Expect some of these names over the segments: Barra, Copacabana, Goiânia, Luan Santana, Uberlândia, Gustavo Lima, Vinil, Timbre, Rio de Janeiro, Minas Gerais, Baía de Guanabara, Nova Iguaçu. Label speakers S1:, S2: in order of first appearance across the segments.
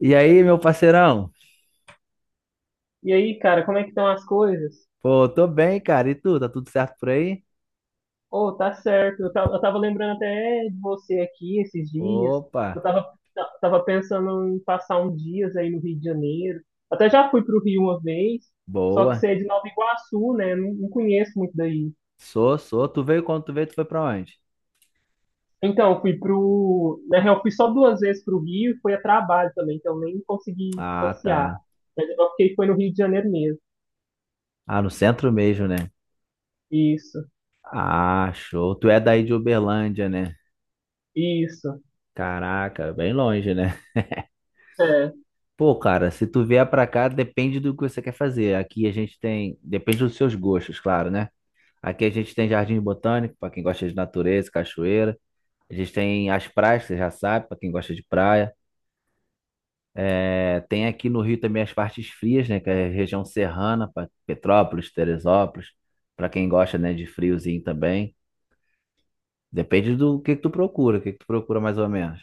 S1: E aí, meu parceirão?
S2: E aí, cara, como é que estão as coisas?
S1: Pô, tô bem, cara. E tu? Tá tudo certo por aí?
S2: Oh, tá certo. Eu tava lembrando até de você aqui esses dias.
S1: Opa,
S2: Eu tava, tava pensando em passar uns dias aí no Rio de Janeiro. Até já fui pro Rio uma vez, só que
S1: boa.
S2: você é de Nova Iguaçu, né? Não conheço muito daí.
S1: Sou, sou. Tu veio quando tu veio, tu foi pra onde?
S2: Então, eu fui pro. Na real, eu fui só duas vezes pro Rio e foi a trabalho também, então nem consegui
S1: Ah,
S2: passear.
S1: tá.
S2: Mas eu fiquei foi no Rio de Janeiro mesmo.
S1: Ah, no centro mesmo, né?
S2: Isso,
S1: Ah, show. Tu é daí de Uberlândia, né?
S2: isso.
S1: Caraca, bem longe, né?
S2: É.
S1: Pô, cara, se tu vier pra cá, depende do que você quer fazer. Aqui a gente tem. Depende dos seus gostos, claro, né? Aqui a gente tem jardim botânico, pra quem gosta de natureza, cachoeira. A gente tem as praias, que você já sabe, pra quem gosta de praia. É, tem aqui no Rio também as partes frias, né? Que é a região serrana, Petrópolis, Teresópolis, para quem gosta, né, de friozinho também. Depende do que tu procura, o que que tu procura mais ou menos.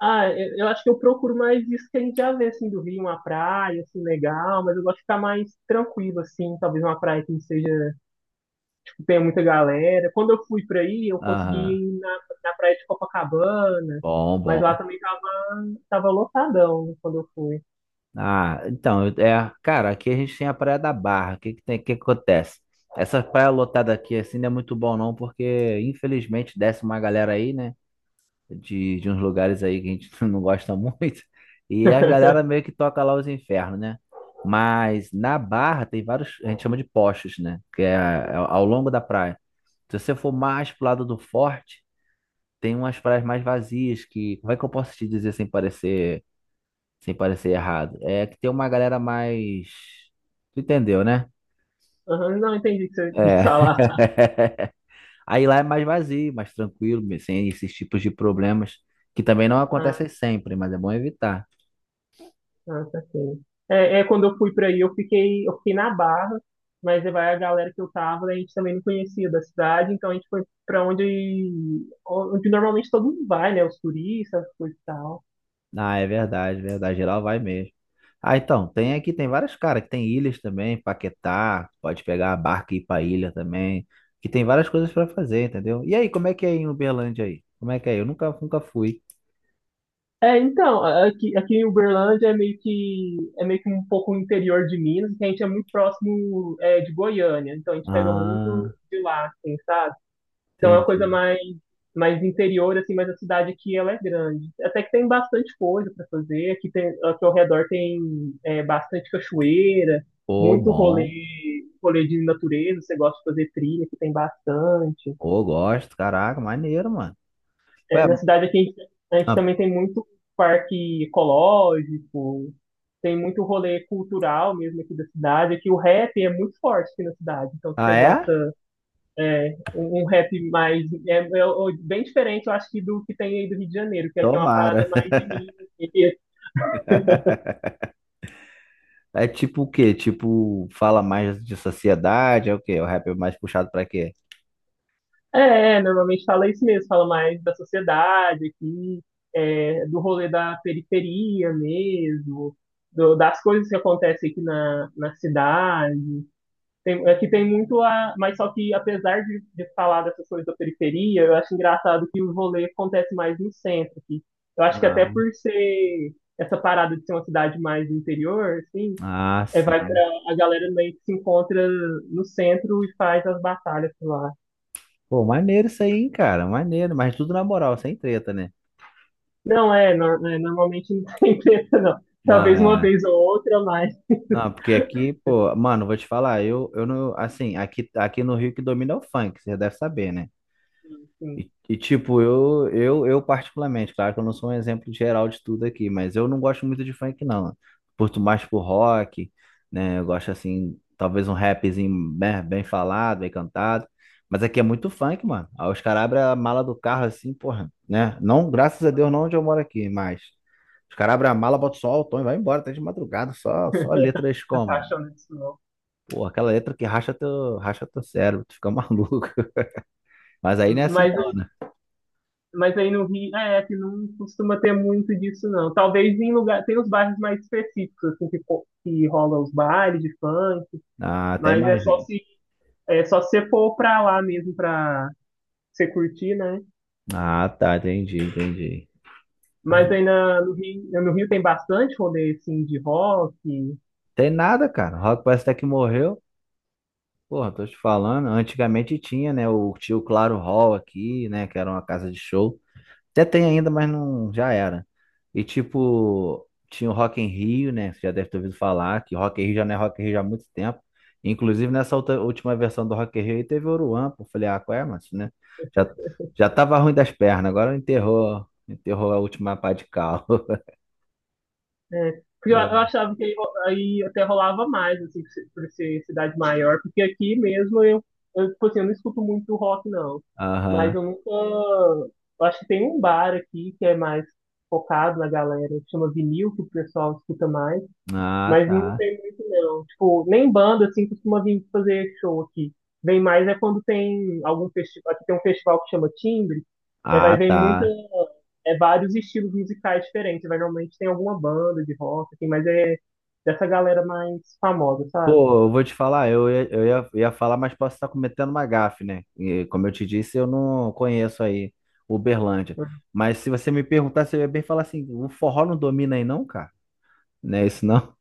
S2: Ah, eu acho que eu procuro mais isso que a gente já vê, assim, do Rio, uma praia, assim, legal, mas eu gosto de ficar mais tranquilo, assim, talvez uma praia que não seja, que tenha muita galera. Quando eu fui pra aí, eu consegui
S1: Aham.
S2: ir na, na praia de Copacabana,
S1: Bom,
S2: mas
S1: bom.
S2: tava lotadão quando eu fui.
S1: Ah, então, é, cara, aqui a gente tem a Praia da Barra. O que que tem, que acontece? Essa praia lotada aqui assim não é muito bom não, porque infelizmente desce uma galera aí, né? De uns lugares aí que a gente não gosta muito. E as galera meio que toca lá os infernos, né? Mas na Barra tem vários, a gente chama de postos, né? Que é ao longo da praia. Se você for mais pro lado do forte, tem umas praias mais vazias que, como é que eu posso te dizer sem parecer errado? É que tem uma galera mais, tu entendeu, né?
S2: Aham, não entendi o que você quis
S1: É.
S2: falar.
S1: Aí lá é mais vazio, mais tranquilo, sem esses tipos de problemas que também não acontecem sempre, mas é bom evitar.
S2: Ah, saquei. É, é, quando eu fui pra aí, eu fiquei na Barra, mas vai a galera que eu tava, a gente também não conhecia da cidade, então a gente foi pra onde, onde normalmente todo mundo vai, né? Os turistas, as coisas e tal.
S1: Ah, é verdade, verdade. Geral vai mesmo. Ah, então, tem aqui, tem várias, cara, que tem ilhas também, Paquetá, pode pegar a barca e ir pra ilha também, que tem várias coisas pra fazer, entendeu? E aí, como é que é em Uberlândia aí? Como é que é? Eu nunca, nunca fui.
S2: É, então, aqui em Uberlândia é meio que um pouco o interior de Minas, que a gente é muito próximo, é, de Goiânia, então a gente pega muito
S1: Ah,
S2: de lá, assim, sabe? Então é uma coisa
S1: entendi.
S2: mais, mais interior, assim, mas a cidade aqui ela é grande. Até que tem bastante coisa para fazer. Aqui, tem, aqui ao redor tem é, bastante cachoeira,
S1: Pô,
S2: muito rolê,
S1: bom.
S2: rolê de natureza. Você gosta de fazer trilha, que tem bastante.
S1: Pô, gosto, caraca, maneiro, mano.
S2: É,
S1: Ué,
S2: na cidade aqui a gente
S1: ah,
S2: também tem muito parque ecológico, tem muito rolê cultural mesmo aqui da cidade. Aqui o rap é muito forte aqui na cidade. Então se
S1: ah,
S2: você
S1: é?
S2: gosta. Um rap mais. É bem diferente, eu acho, que do que tem aí do Rio de Janeiro, que aqui é uma
S1: Tomara.
S2: parada mais de mim. assim, que-
S1: É tipo o quê? Tipo, fala mais de sociedade, é o quê? O rap é mais puxado pra quê?
S2: é, normalmente fala isso mesmo, fala mais da sociedade aqui, é, do rolê da periferia mesmo, das coisas que acontecem aqui na cidade. Tem, aqui tem muito a. Mas só que, apesar de falar dessas coisas da periferia, eu acho engraçado que o rolê acontece mais no centro aqui. Eu acho que até
S1: Ah,
S2: por ser essa parada de ser uma cidade mais do interior, assim,
S1: ah,
S2: é, vai pra
S1: sim.
S2: a galera meio que se encontra no centro e faz as batalhas por lá.
S1: Pô, maneiro isso aí, hein, cara. Maneiro, mas tudo na moral, sem treta, né?
S2: Não, é, é, normalmente não tem treta, não.
S1: Não,
S2: Talvez uma
S1: é.
S2: vez ou outra, mas.
S1: Não, porque aqui, pô, mano, vou te falar, eu não, assim, aqui no Rio que domina é o funk, você já deve saber, né?
S2: Enfim,
S1: E, tipo, eu particularmente, claro que eu não sou um exemplo geral de tudo aqui, mas eu não gosto muito de funk, não. Curto mais pro rock, né? Eu gosto, assim, talvez um rapzinho bem, bem falado, bem cantado. Mas aqui é muito funk, mano. Aí os caras abrem a mala do carro assim, porra, né? Não, graças a Deus, não onde eu moro aqui, mas os caras abrem a mala, botam só o tom e vai embora, até de madrugada, só letras
S2: a
S1: como,
S2: paixão disso não.
S1: pô, aquela letra que racha teu cérebro, tu fica maluco. Mas aí não é assim,
S2: Mas.
S1: não, né?
S2: Mas aí no Rio, é, que não costuma ter muito disso, não. Talvez em lugar, tem os bairros mais específicos, assim, que rola os bailes de funk,
S1: Ah, até
S2: mas
S1: imagino.
S2: é só se você for pra lá mesmo pra você curtir, né?
S1: Ah, tá, entendi, entendi.
S2: Mas
S1: Aí,
S2: no Rio tem bastante rolê, assim, de rock.
S1: tem nada, cara. O rock parece até que morreu. Porra, tô te falando. Antigamente tinha, né? O tio Claro Hall aqui, né? Que era uma casa de show. Até tem ainda, mas não já era. E tipo, tinha o Rock em Rio, né? Você já deve ter ouvido falar que Rock em Rio já não é Rock in Rio já há muito tempo. Inclusive nessa última versão do Rock in Rio aí teve o Oruan, pô. Falei, ah, qual é, mas, né? Já, já tava ruim das pernas, agora enterrou a última pá de cal.
S2: É, porque eu
S1: É.
S2: achava que aí, aí até rolava mais, assim, por ser cidade maior, porque aqui mesmo tipo assim, eu não escuto muito rock, não. Mas
S1: Aham.
S2: eu nunca. Eu acho que tem um bar aqui que é mais focado na galera, que chama Vinil, que o pessoal escuta mais.
S1: Ah,
S2: Mas não
S1: tá.
S2: tem muito, não. Tipo, nem banda, assim, costuma vir fazer show aqui. Vem mais é quando tem algum festival. Aqui tem um festival que chama Timbre. É, vai
S1: Ah,
S2: ver muita.
S1: tá.
S2: É vários estilos musicais diferentes. Vai, normalmente tem alguma banda de rock, assim, mas é dessa galera mais famosa, sabe?
S1: Pô, eu vou te falar, ia falar, mas posso estar cometendo uma gafe, né? E, como eu te disse, eu não conheço aí Uberlândia. Mas se você me perguntar, você ia bem falar assim, o forró não domina aí não, cara? Não é isso não?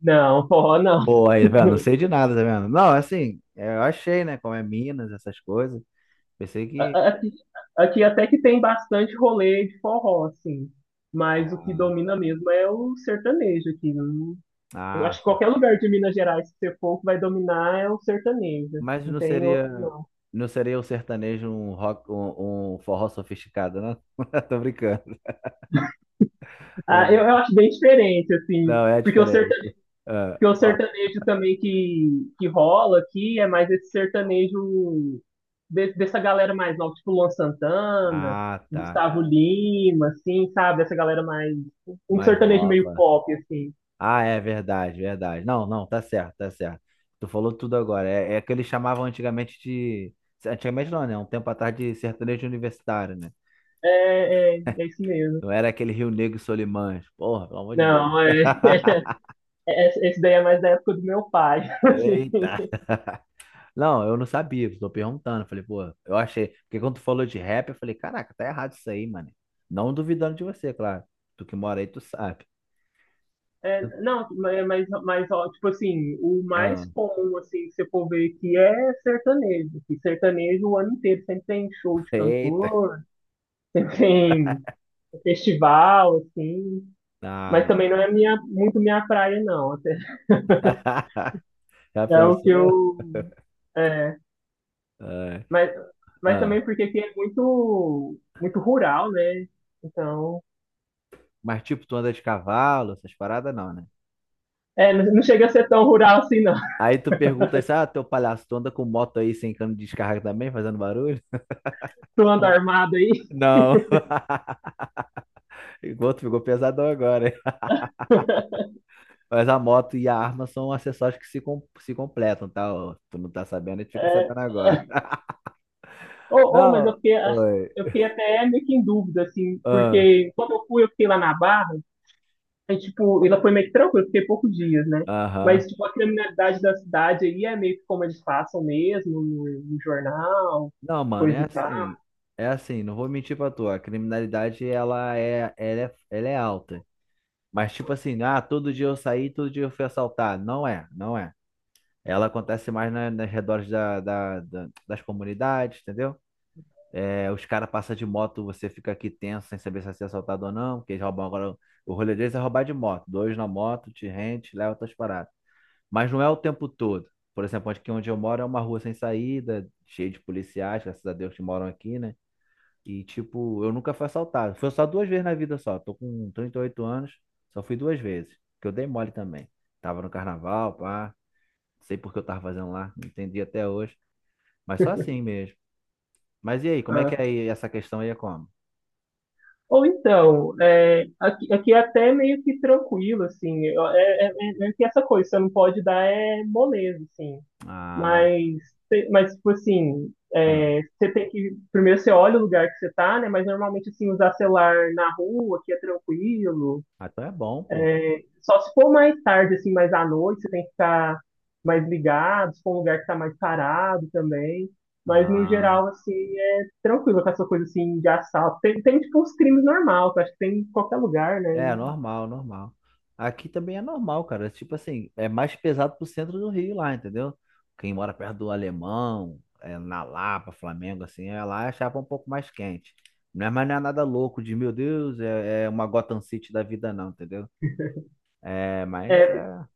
S2: Não, forró não.
S1: Pô, aí, velho, não sei de nada, tá vendo? Não, assim, é, eu achei, né, como é Minas, essas coisas. Pensei que...
S2: A- Aqui, aqui até que tem bastante rolê de forró, assim. Mas o que
S1: Ah,
S2: domina mesmo é o sertanejo aqui. Eu acho
S1: ah,
S2: que qualquer lugar de Minas Gerais que você for, o que vai dominar é o sertanejo.
S1: mas
S2: Não
S1: não
S2: tem outro,
S1: seria,
S2: não.
S1: não seria o sertanejo um rock, um forró sofisticado, não? Tô brincando.
S2: Ah, eu acho bem diferente, assim.
S1: Não, é diferente. Ah,
S2: Porque o
S1: ó.
S2: sertanejo também que rola aqui é mais esse sertanejo dessa galera mais nova, tipo Luan Santana,
S1: Ah, tá.
S2: Gustavo Lima, assim, sabe? Essa galera mais. Um
S1: Mais
S2: sertanejo meio
S1: nova.
S2: pop, assim.
S1: Ah, é verdade, verdade. Não, não, tá certo, tá certo. Tu falou tudo agora. É que eles chamavam antigamente de. Antigamente não, né? Um tempo atrás de sertanejo universitário, né?
S2: É isso mesmo.
S1: Não era aquele Rio Negro e Solimões. Porra, pelo amor de Deus.
S2: Não, é, esse daí é mais da época do meu pai, assim.
S1: Eita. Não, eu não sabia, tô perguntando. Falei, pô, eu achei. Porque quando tu falou de rap, eu falei, caraca, tá errado isso aí, mano. Não duvidando de você, claro. Tu que mora aí, tu sabe.
S2: É, não, mas, ó, tipo assim, o
S1: Ah.
S2: mais comum, assim, que você for ver aqui é sertanejo. Que sertanejo o ano inteiro sempre tem show de
S1: Eita.
S2: cantor, sempre tem festival, assim.
S1: Ah,
S2: Mas
S1: mano.
S2: também não é minha, muito minha praia, não. Até-
S1: Já
S2: É o que eu.
S1: pensou?
S2: É,
S1: É.
S2: mas, mas
S1: Ah.
S2: também porque aqui é muito, muito rural, né? Então.
S1: Mas tipo, tu anda de cavalo, essas paradas não, né?
S2: É, não chega a ser tão rural assim, não.
S1: Aí tu pergunta assim, ah, teu palhaço, tu anda com moto aí sem cano de descarga também, fazendo barulho?
S2: Tu anda armado aí.
S1: Não. O outro ficou pesadão agora, hein? Mas a moto e a arma são acessórios que se completam, tá? Ó, tu não tá sabendo, a gente fica sabendo agora.
S2: É. Ou, ou, mas eu
S1: Não,
S2: fiquei, ah,
S1: oi.
S2: eu fiquei até meio que em dúvida, assim,
S1: Ah,
S2: porque quando eu fui, eu fiquei lá na Barra, aí, tipo, ela foi meio que tranquila, eu fiquei poucos dias, né?
S1: aham.
S2: Mas, tipo, a criminalidade da cidade aí é meio que como eles passam mesmo, no jornal,
S1: Não, mano,
S2: coisa
S1: é
S2: e tal.
S1: assim. É assim, não vou mentir pra tu. A criminalidade, ela é alta. Mas tipo assim, ah, todo dia eu saí, todo dia eu fui assaltado. Não é, não é. Ela acontece mais na, nas redores da, da- da- das comunidades, entendeu? É, os caras passam de moto, você fica aqui tenso, sem saber se vai ser assaltado ou não, porque eles roubam agora. O rolê deles é roubar de moto. Dois na moto, te rente, leva tuas paradas. Mas não é o tempo todo. Por exemplo, aqui onde eu moro é uma rua sem saída, cheia de policiais, graças a Deus que moram aqui, né? E, tipo, eu nunca fui assaltado. Fui assaltado duas vezes na vida só. Tô com 38 anos, só fui duas vezes. Que eu dei mole também. Tava no carnaval, pá. Sei por que eu tava fazendo lá, não entendi até hoje. Mas só assim mesmo. Mas e aí, como é que
S2: Ah.
S1: é aí essa questão aí é como?
S2: Ou então, é, aqui é até meio que tranquilo, assim. É meio que essa coisa, você não pode dar é moleza, assim.
S1: Ah,
S2: Mas, mas tipo assim,
S1: ah,
S2: é, você tem que. Primeiro você olha o lugar que você tá, né? Mas normalmente, assim, usar celular na rua, aqui é tranquilo.
S1: ah, então é bom, pô.
S2: É, só se for mais tarde, assim, mais à noite, você tem que ficar mais ligado, se for um lugar que tá mais parado também. Mas no
S1: Ah.
S2: geral, assim, é tranquilo com essa coisa assim de assalto. Tem, tem tipo uns crimes normais, que eu acho que tem em qualquer lugar, né?
S1: É, normal, normal. Aqui também é normal, cara. Tipo assim, é mais pesado pro centro do Rio lá, entendeu? Quem mora perto do Alemão, é, na Lapa, Flamengo, assim, é lá a chapa um pouco mais quente. Não é, mas não é nada louco de, meu Deus, é uma Gotham City da vida, não, entendeu? É, mas
S2: É,
S1: é.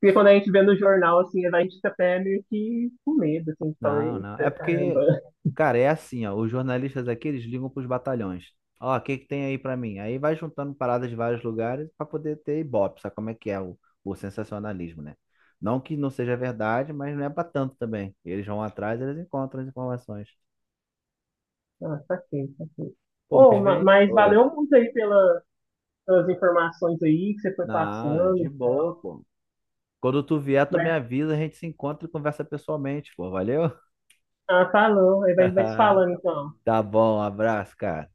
S2: porque quando a gente vê no jornal, assim, a gente fica até meio que com medo, assim, de falar,
S1: Não, não. É
S2: eita, caramba.
S1: porque, cara, é assim, ó. Os jornalistas aqui, eles ligam pros batalhões. Ó, o que que tem aí pra mim? Aí vai juntando paradas de vários lugares pra poder ter ibope, sabe como é que é o sensacionalismo, né? Não que não seja verdade, mas não é pra tanto também. Eles vão atrás, eles encontram as informações.
S2: Ah, tá quente, tá quente.
S1: Pô, mas
S2: Oh,
S1: vem.
S2: mas
S1: Oi.
S2: valeu muito aí pela- pelas informações aí que você foi
S1: Não,
S2: passando
S1: de
S2: e
S1: boa,
S2: tal.
S1: pô. Quando tu vier, tu me
S2: Mas,
S1: avisa, a gente se encontra e conversa pessoalmente, pô. Valeu?
S2: ah, falou, aí a gente vai se falando então.
S1: Tá bom, um abraço, cara.